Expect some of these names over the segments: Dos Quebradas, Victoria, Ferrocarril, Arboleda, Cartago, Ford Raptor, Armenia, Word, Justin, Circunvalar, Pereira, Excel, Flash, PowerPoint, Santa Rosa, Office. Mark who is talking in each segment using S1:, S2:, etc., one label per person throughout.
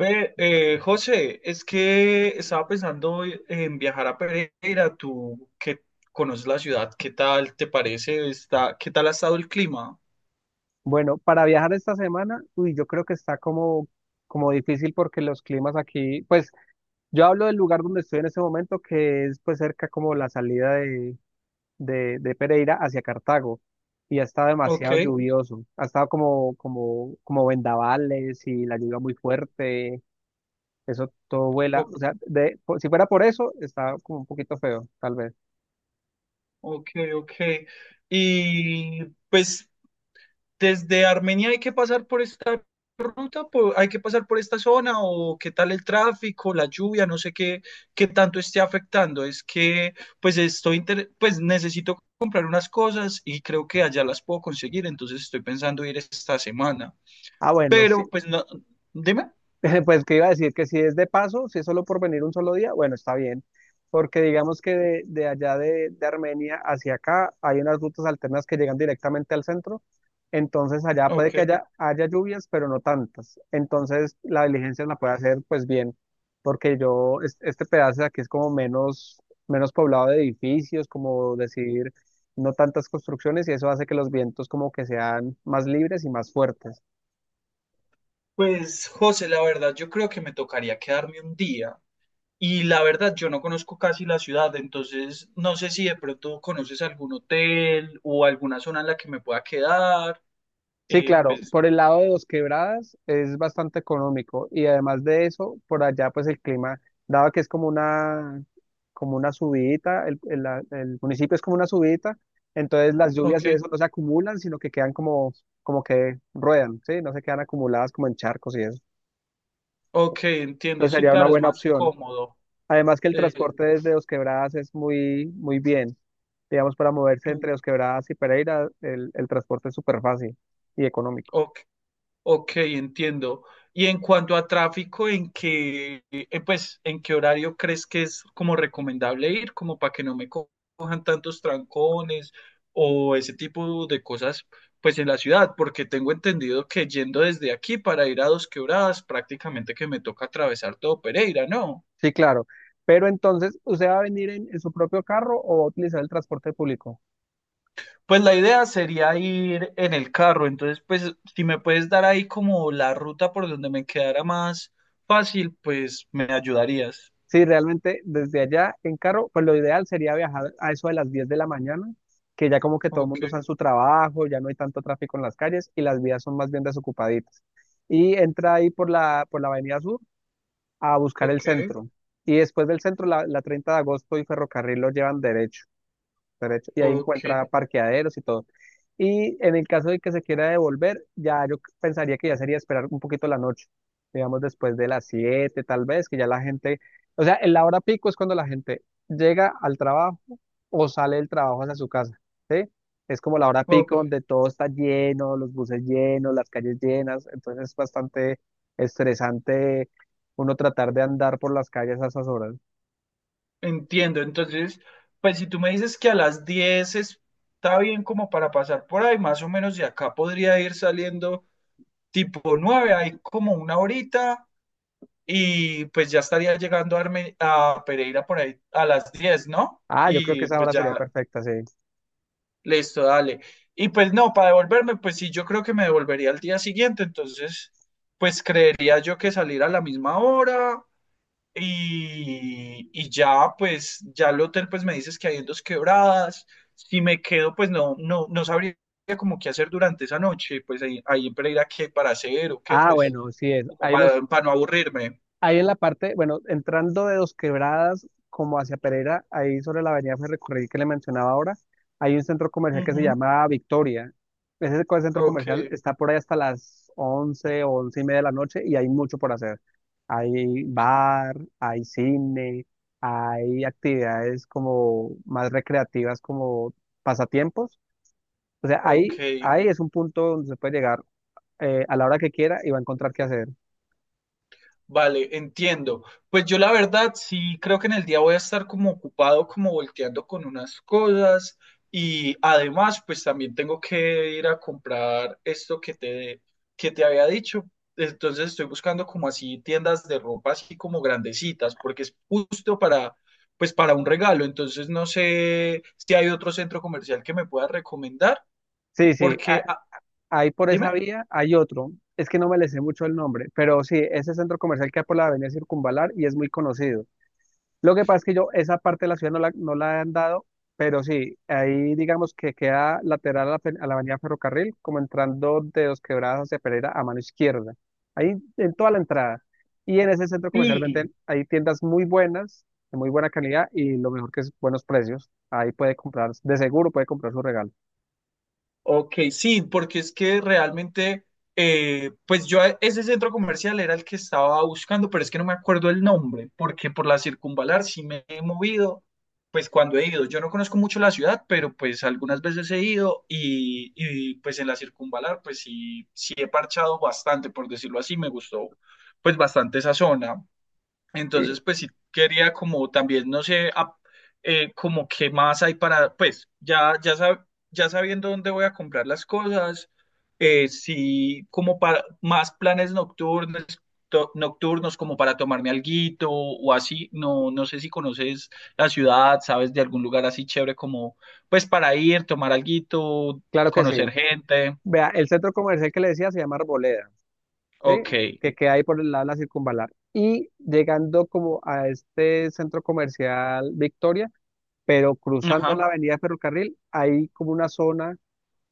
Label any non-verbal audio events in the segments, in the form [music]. S1: Ve, José, es que estaba pensando en viajar a Pereira, tú que conoces la ciudad, ¿qué tal te parece? Está, ¿qué tal ha estado el clima?
S2: Bueno, para viajar esta semana, uy, yo creo que está como difícil porque los climas aquí, pues yo hablo del lugar donde estoy en este momento, que es pues cerca como la salida de Pereira hacia Cartago, y ha estado
S1: Ok,
S2: demasiado lluvioso, ha estado como vendavales y la lluvia muy fuerte, eso todo vuela,
S1: ok.
S2: o sea, si fuera por eso, está como un poquito feo, tal vez.
S1: Ok, ok. Y pues desde Armenia hay que pasar por esta ruta, hay que pasar por esta zona o qué tal el tráfico, la lluvia, no sé qué, qué tanto esté afectando. Es que pues pues necesito comprar unas cosas y creo que allá las puedo conseguir, entonces estoy pensando ir esta semana.
S2: Ah, bueno, sí.
S1: Pero pues no, dime.
S2: [laughs] Pues que iba a decir que si es de paso, si es solo por venir un solo día, bueno, está bien, porque digamos que de Armenia hacia acá hay unas rutas alternas que llegan directamente al centro, entonces allá puede que
S1: Ok.
S2: haya lluvias, pero no tantas, entonces la diligencia la puede hacer pues bien, porque yo, este pedazo de aquí es como menos poblado de edificios, como decir, no tantas construcciones y eso hace que los vientos como que sean más libres y más fuertes.
S1: Pues José, la verdad, yo creo que me tocaría quedarme un día. Y la verdad, yo no conozco casi la ciudad, entonces no sé si de pronto conoces algún hotel o alguna zona en la que me pueda quedar.
S2: Sí,
S1: Eh,
S2: claro,
S1: pues,
S2: por el lado de Dos Quebradas es bastante económico y además de eso, por allá pues el clima, dado que es como una subidita, el municipio es como una subidita, entonces las lluvias
S1: ok,
S2: y eso no se acumulan, sino que quedan como que ruedan, ¿sí? No se quedan acumuladas como en charcos y eso.
S1: ok, entiendo.
S2: Entonces
S1: Sí,
S2: sería una
S1: claro, es
S2: buena
S1: más
S2: opción.
S1: cómodo.
S2: Además que el
S1: Eh,
S2: transporte desde Dos Quebradas es muy, muy bien. Digamos, para moverse entre Dos Quebradas y Pereira, el transporte es súper fácil y económico.
S1: ok, ok, entiendo. Y en cuanto a tráfico, ¿en qué, pues, en qué horario crees que es como recomendable ir, como para que no me co- cojan tantos trancones o ese tipo de cosas, pues, en la ciudad? Porque tengo entendido que yendo desde aquí para ir a Dos Quebradas, prácticamente que me toca atravesar todo Pereira, ¿no?
S2: Sí, claro. Pero entonces, ¿usted va a venir en su propio carro o va a utilizar el transporte público?
S1: Pues la idea sería ir en el carro, entonces, pues, si me puedes dar ahí como la ruta por donde me quedara más fácil, pues, me ayudarías.
S2: Sí, realmente desde allá en carro, pues lo ideal sería viajar a eso de las 10 de la mañana, que ya como que todo el
S1: Ok.
S2: mundo está en su trabajo, ya no hay tanto tráfico en las calles y las vías son más bien desocupaditas. Y entra ahí por la Avenida Sur a buscar el
S1: Ok,
S2: centro. Y después del centro, la 30 de agosto y ferrocarril lo llevan derecho, y ahí
S1: ok,
S2: encuentra parqueaderos y todo. Y en el caso de que se quiera devolver, ya yo pensaría que ya sería esperar un poquito la noche, digamos después de las 7 tal vez, que ya la gente, o sea, en la hora pico es cuando la gente llega al trabajo o sale del trabajo hacia su casa, ¿sí? Es como la hora
S1: ok,
S2: pico donde todo está lleno, los buses llenos, las calles llenas, entonces es bastante estresante uno tratar de andar por las calles a esas horas.
S1: entiendo. Entonces, pues si tú me dices que a las 10 está bien como para pasar por ahí, más o menos de acá podría ir saliendo tipo 9, hay como una horita y pues ya estaría llegando a Pereira por ahí a las 10, ¿no?
S2: Ah, yo creo que
S1: Y
S2: esa
S1: pues
S2: hora sería
S1: ya,
S2: perfecta, sí.
S1: listo, dale. Y pues no, para devolverme, pues sí, yo creo que me devolvería al día siguiente, entonces, pues creería yo que salir a la misma hora. Y ya, pues, ya el hotel, pues me dices que hay en dos quebradas. Si me quedo, pues no sabría como qué hacer durante esa noche. Pues ahí en Pereira, qué para hacer o qué,
S2: Ah,
S1: pues,
S2: bueno, sí es.
S1: como para no aburrirme.
S2: Ahí en la parte, bueno, entrando de Dos Quebradas como hacia Pereira, ahí sobre la avenida Ferrocarril que le mencionaba ahora, hay un centro comercial que se
S1: Ujú.
S2: llama Victoria. Ese centro
S1: Ok,
S2: comercial está por ahí hasta las 11 o 11:30 de la noche y hay mucho por hacer. Hay bar, hay cine, hay actividades como más recreativas como pasatiempos. O sea,
S1: ok.
S2: ahí es un punto donde se puede llegar a la hora que quiera y va a encontrar qué hacer.
S1: Vale, entiendo. Pues yo la verdad sí creo que en el día voy a estar como ocupado, como volteando con unas cosas y además pues también tengo que ir a comprar que te había dicho. Entonces estoy buscando como así tiendas de ropa así como grandecitas porque es justo para pues para un regalo. Entonces no sé si hay otro centro comercial que me pueda recomendar
S2: Sí, sí,
S1: porque, ah,
S2: ahí por esa
S1: dime.
S2: vía hay otro, es que no me le sé mucho el nombre, pero sí, ese centro comercial que hay por la avenida Circunvalar y es muy conocido. Lo que pasa es que yo esa parte de la ciudad no la han dado, pero sí, ahí digamos que queda lateral a la avenida Ferrocarril, como entrando de Dos Quebradas hacia Pereira a mano izquierda, ahí en toda la entrada. Y en ese centro comercial
S1: Sí.
S2: venden, hay tiendas muy buenas, de muy buena calidad y lo mejor que es buenos precios. Ahí puede comprar, de seguro puede comprar su regalo.
S1: Ok, sí, porque es que realmente, pues ese centro comercial era el que estaba buscando, pero es que no me acuerdo el nombre, porque por la circunvalar sí me he movido, pues cuando he ido, yo no conozco mucho la ciudad, pero pues algunas veces he ido pues en la circunvalar pues sí, sí he parchado bastante, por decirlo así, me gustó pues bastante esa zona.
S2: Sí,
S1: Entonces, pues sí quería como también, no sé, como qué más hay para, pues ya sabiendo dónde voy a comprar las cosas, sí como para más planes nocturnos, nocturnos como para tomarme alguito o así, no sé si conoces la ciudad, sabes de algún lugar así chévere como, pues para ir, tomar alguito,
S2: claro que sí.
S1: conocer gente,
S2: Vea, el centro comercial que le decía se llama Arboleda, ¿sí?
S1: ok,
S2: Que queda ahí por el lado de la circunvalar. Y llegando como a este centro comercial Victoria, pero cruzando la
S1: ajá.
S2: avenida Ferrocarril, hay como una zona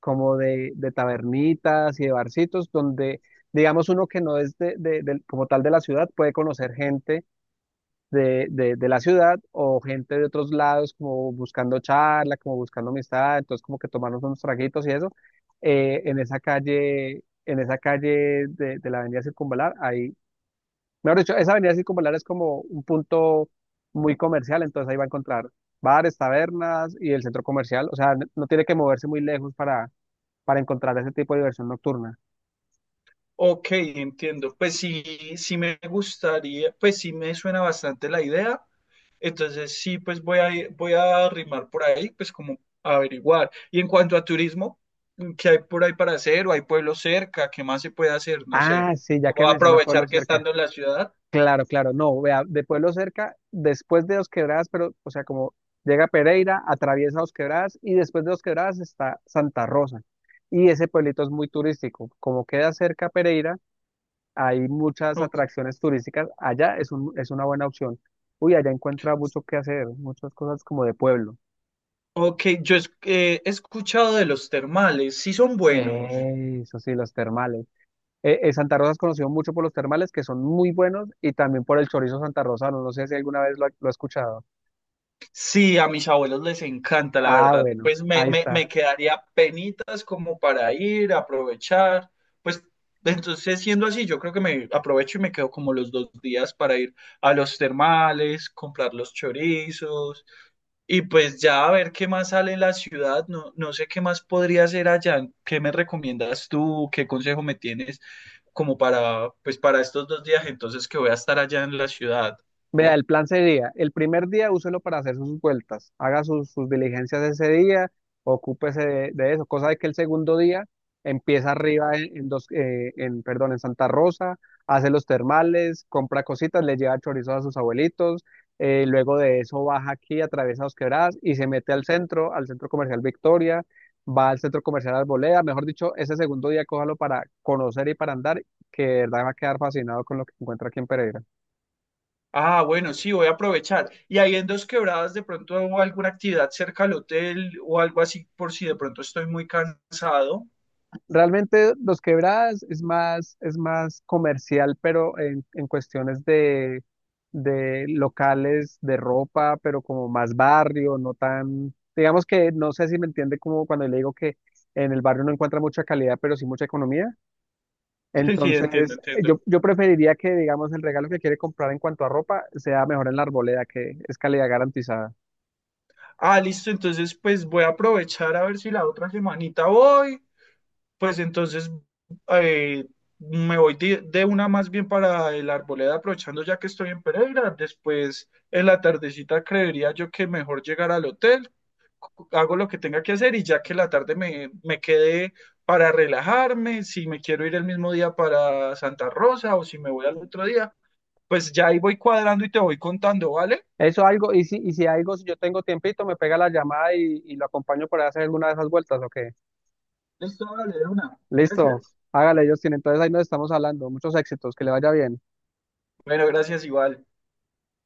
S2: como de tabernitas y de barcitos donde, digamos, uno que no es como tal de la ciudad puede conocer gente de la ciudad o gente de otros lados como buscando charla, como buscando amistad, entonces como que tomarnos unos traguitos y eso, en esa calle, en esa calle de la avenida Circunvalar, ahí, mejor dicho, esa avenida Circunvalar es como un punto muy comercial, entonces ahí va a encontrar bares, tabernas y el centro comercial, o sea, no tiene que moverse muy lejos para encontrar ese tipo de diversión nocturna.
S1: Ok, entiendo. Pues sí, sí me gustaría, pues sí me suena bastante la idea. Entonces sí, pues voy a arrimar por ahí, pues como averiguar. Y en cuanto a turismo, ¿qué hay por ahí para hacer? ¿O hay pueblos cerca? ¿Qué más se puede hacer? No sé,
S2: Ah, sí, ya que
S1: ¿cómo
S2: menciona
S1: aprovechar
S2: pueblos
S1: que
S2: cercanos.
S1: estando en la ciudad?
S2: Claro, claro, no, vea, de Pueblo Cerca, después de Dos Quebradas, pero, o sea, como llega Pereira, atraviesa Dos Quebradas y después de Dos Quebradas está Santa Rosa. Y ese pueblito es muy turístico. Como queda cerca Pereira, hay muchas
S1: Ok,
S2: atracciones turísticas. Allá es una buena opción. Uy, allá encuentra mucho que hacer, muchas cosas como de pueblo.
S1: ok, he escuchado de los termales, sí son buenos.
S2: Eso sí, los termales. Santa Rosa es conocido mucho por los termales, que son muy buenos, y también por el chorizo santarrosano. No sé si alguna vez lo ha escuchado.
S1: Sí, a mis abuelos les encanta, la
S2: Ah,
S1: verdad.
S2: bueno,
S1: Pues
S2: ahí está.
S1: me quedaría penitas como para ir, aprovechar. Pues entonces, siendo así, yo creo que me aprovecho y me quedo como los 2 días para ir a los termales, comprar los chorizos y pues ya a ver qué más sale en la ciudad. No, no sé qué más podría hacer allá. ¿Qué me recomiendas tú? ¿Qué consejo me tienes como para, pues para estos 2 días entonces que voy a estar allá en la ciudad?
S2: Vea, el plan sería, el primer día úselo para hacer sus vueltas, haga sus diligencias ese día, ocúpese de eso, cosa de que el segundo día empieza arriba en, perdón, en Santa Rosa, hace los termales, compra cositas, le lleva chorizos a sus abuelitos, luego de eso baja aquí, atraviesa Dos Quebradas y se mete al centro comercial Victoria, va al centro comercial Arboleda, mejor dicho, ese segundo día cójalo para conocer y para andar, que de verdad va a quedar fascinado con lo que encuentra aquí en Pereira.
S1: Ah, bueno, sí, voy a aprovechar. Y ahí en Dos Quebradas, de pronto hago alguna actividad cerca al hotel o algo así, por si de pronto estoy muy cansado.
S2: Realmente Los Quebradas es más, comercial, pero en cuestiones de locales de ropa, pero como más barrio, no tan, digamos que no sé si me entiende como cuando le digo que en el barrio no encuentra mucha calidad, pero sí mucha economía.
S1: Sí, sí, entiendo,
S2: Entonces,
S1: entiendo.
S2: yo preferiría que, digamos, el regalo que quiere comprar en cuanto a ropa sea mejor en la arboleda, que es calidad garantizada.
S1: Ah, listo, entonces pues voy a aprovechar a ver si la otra semanita voy. Pues entonces eh, me voy de una más bien para el Arboleda, aprovechando ya que estoy en Pereira. Después en la tardecita creería yo que mejor llegar al hotel. Hago lo que tenga que hacer y ya que la tarde me quede para relajarme, si me quiero ir el mismo día para Santa Rosa o si me voy al otro día, pues ya ahí voy cuadrando y te voy contando, ¿vale?
S2: Eso algo, y si, algo, si yo tengo tiempito, me pega la llamada y lo acompaño para hacer alguna de esas vueltas, ¿ok?
S1: Listo, vale, de una.
S2: Listo,
S1: Gracias.
S2: hágale, Justin. Entonces ahí nos estamos hablando. Muchos éxitos, que le vaya bien.
S1: Bueno, gracias igual.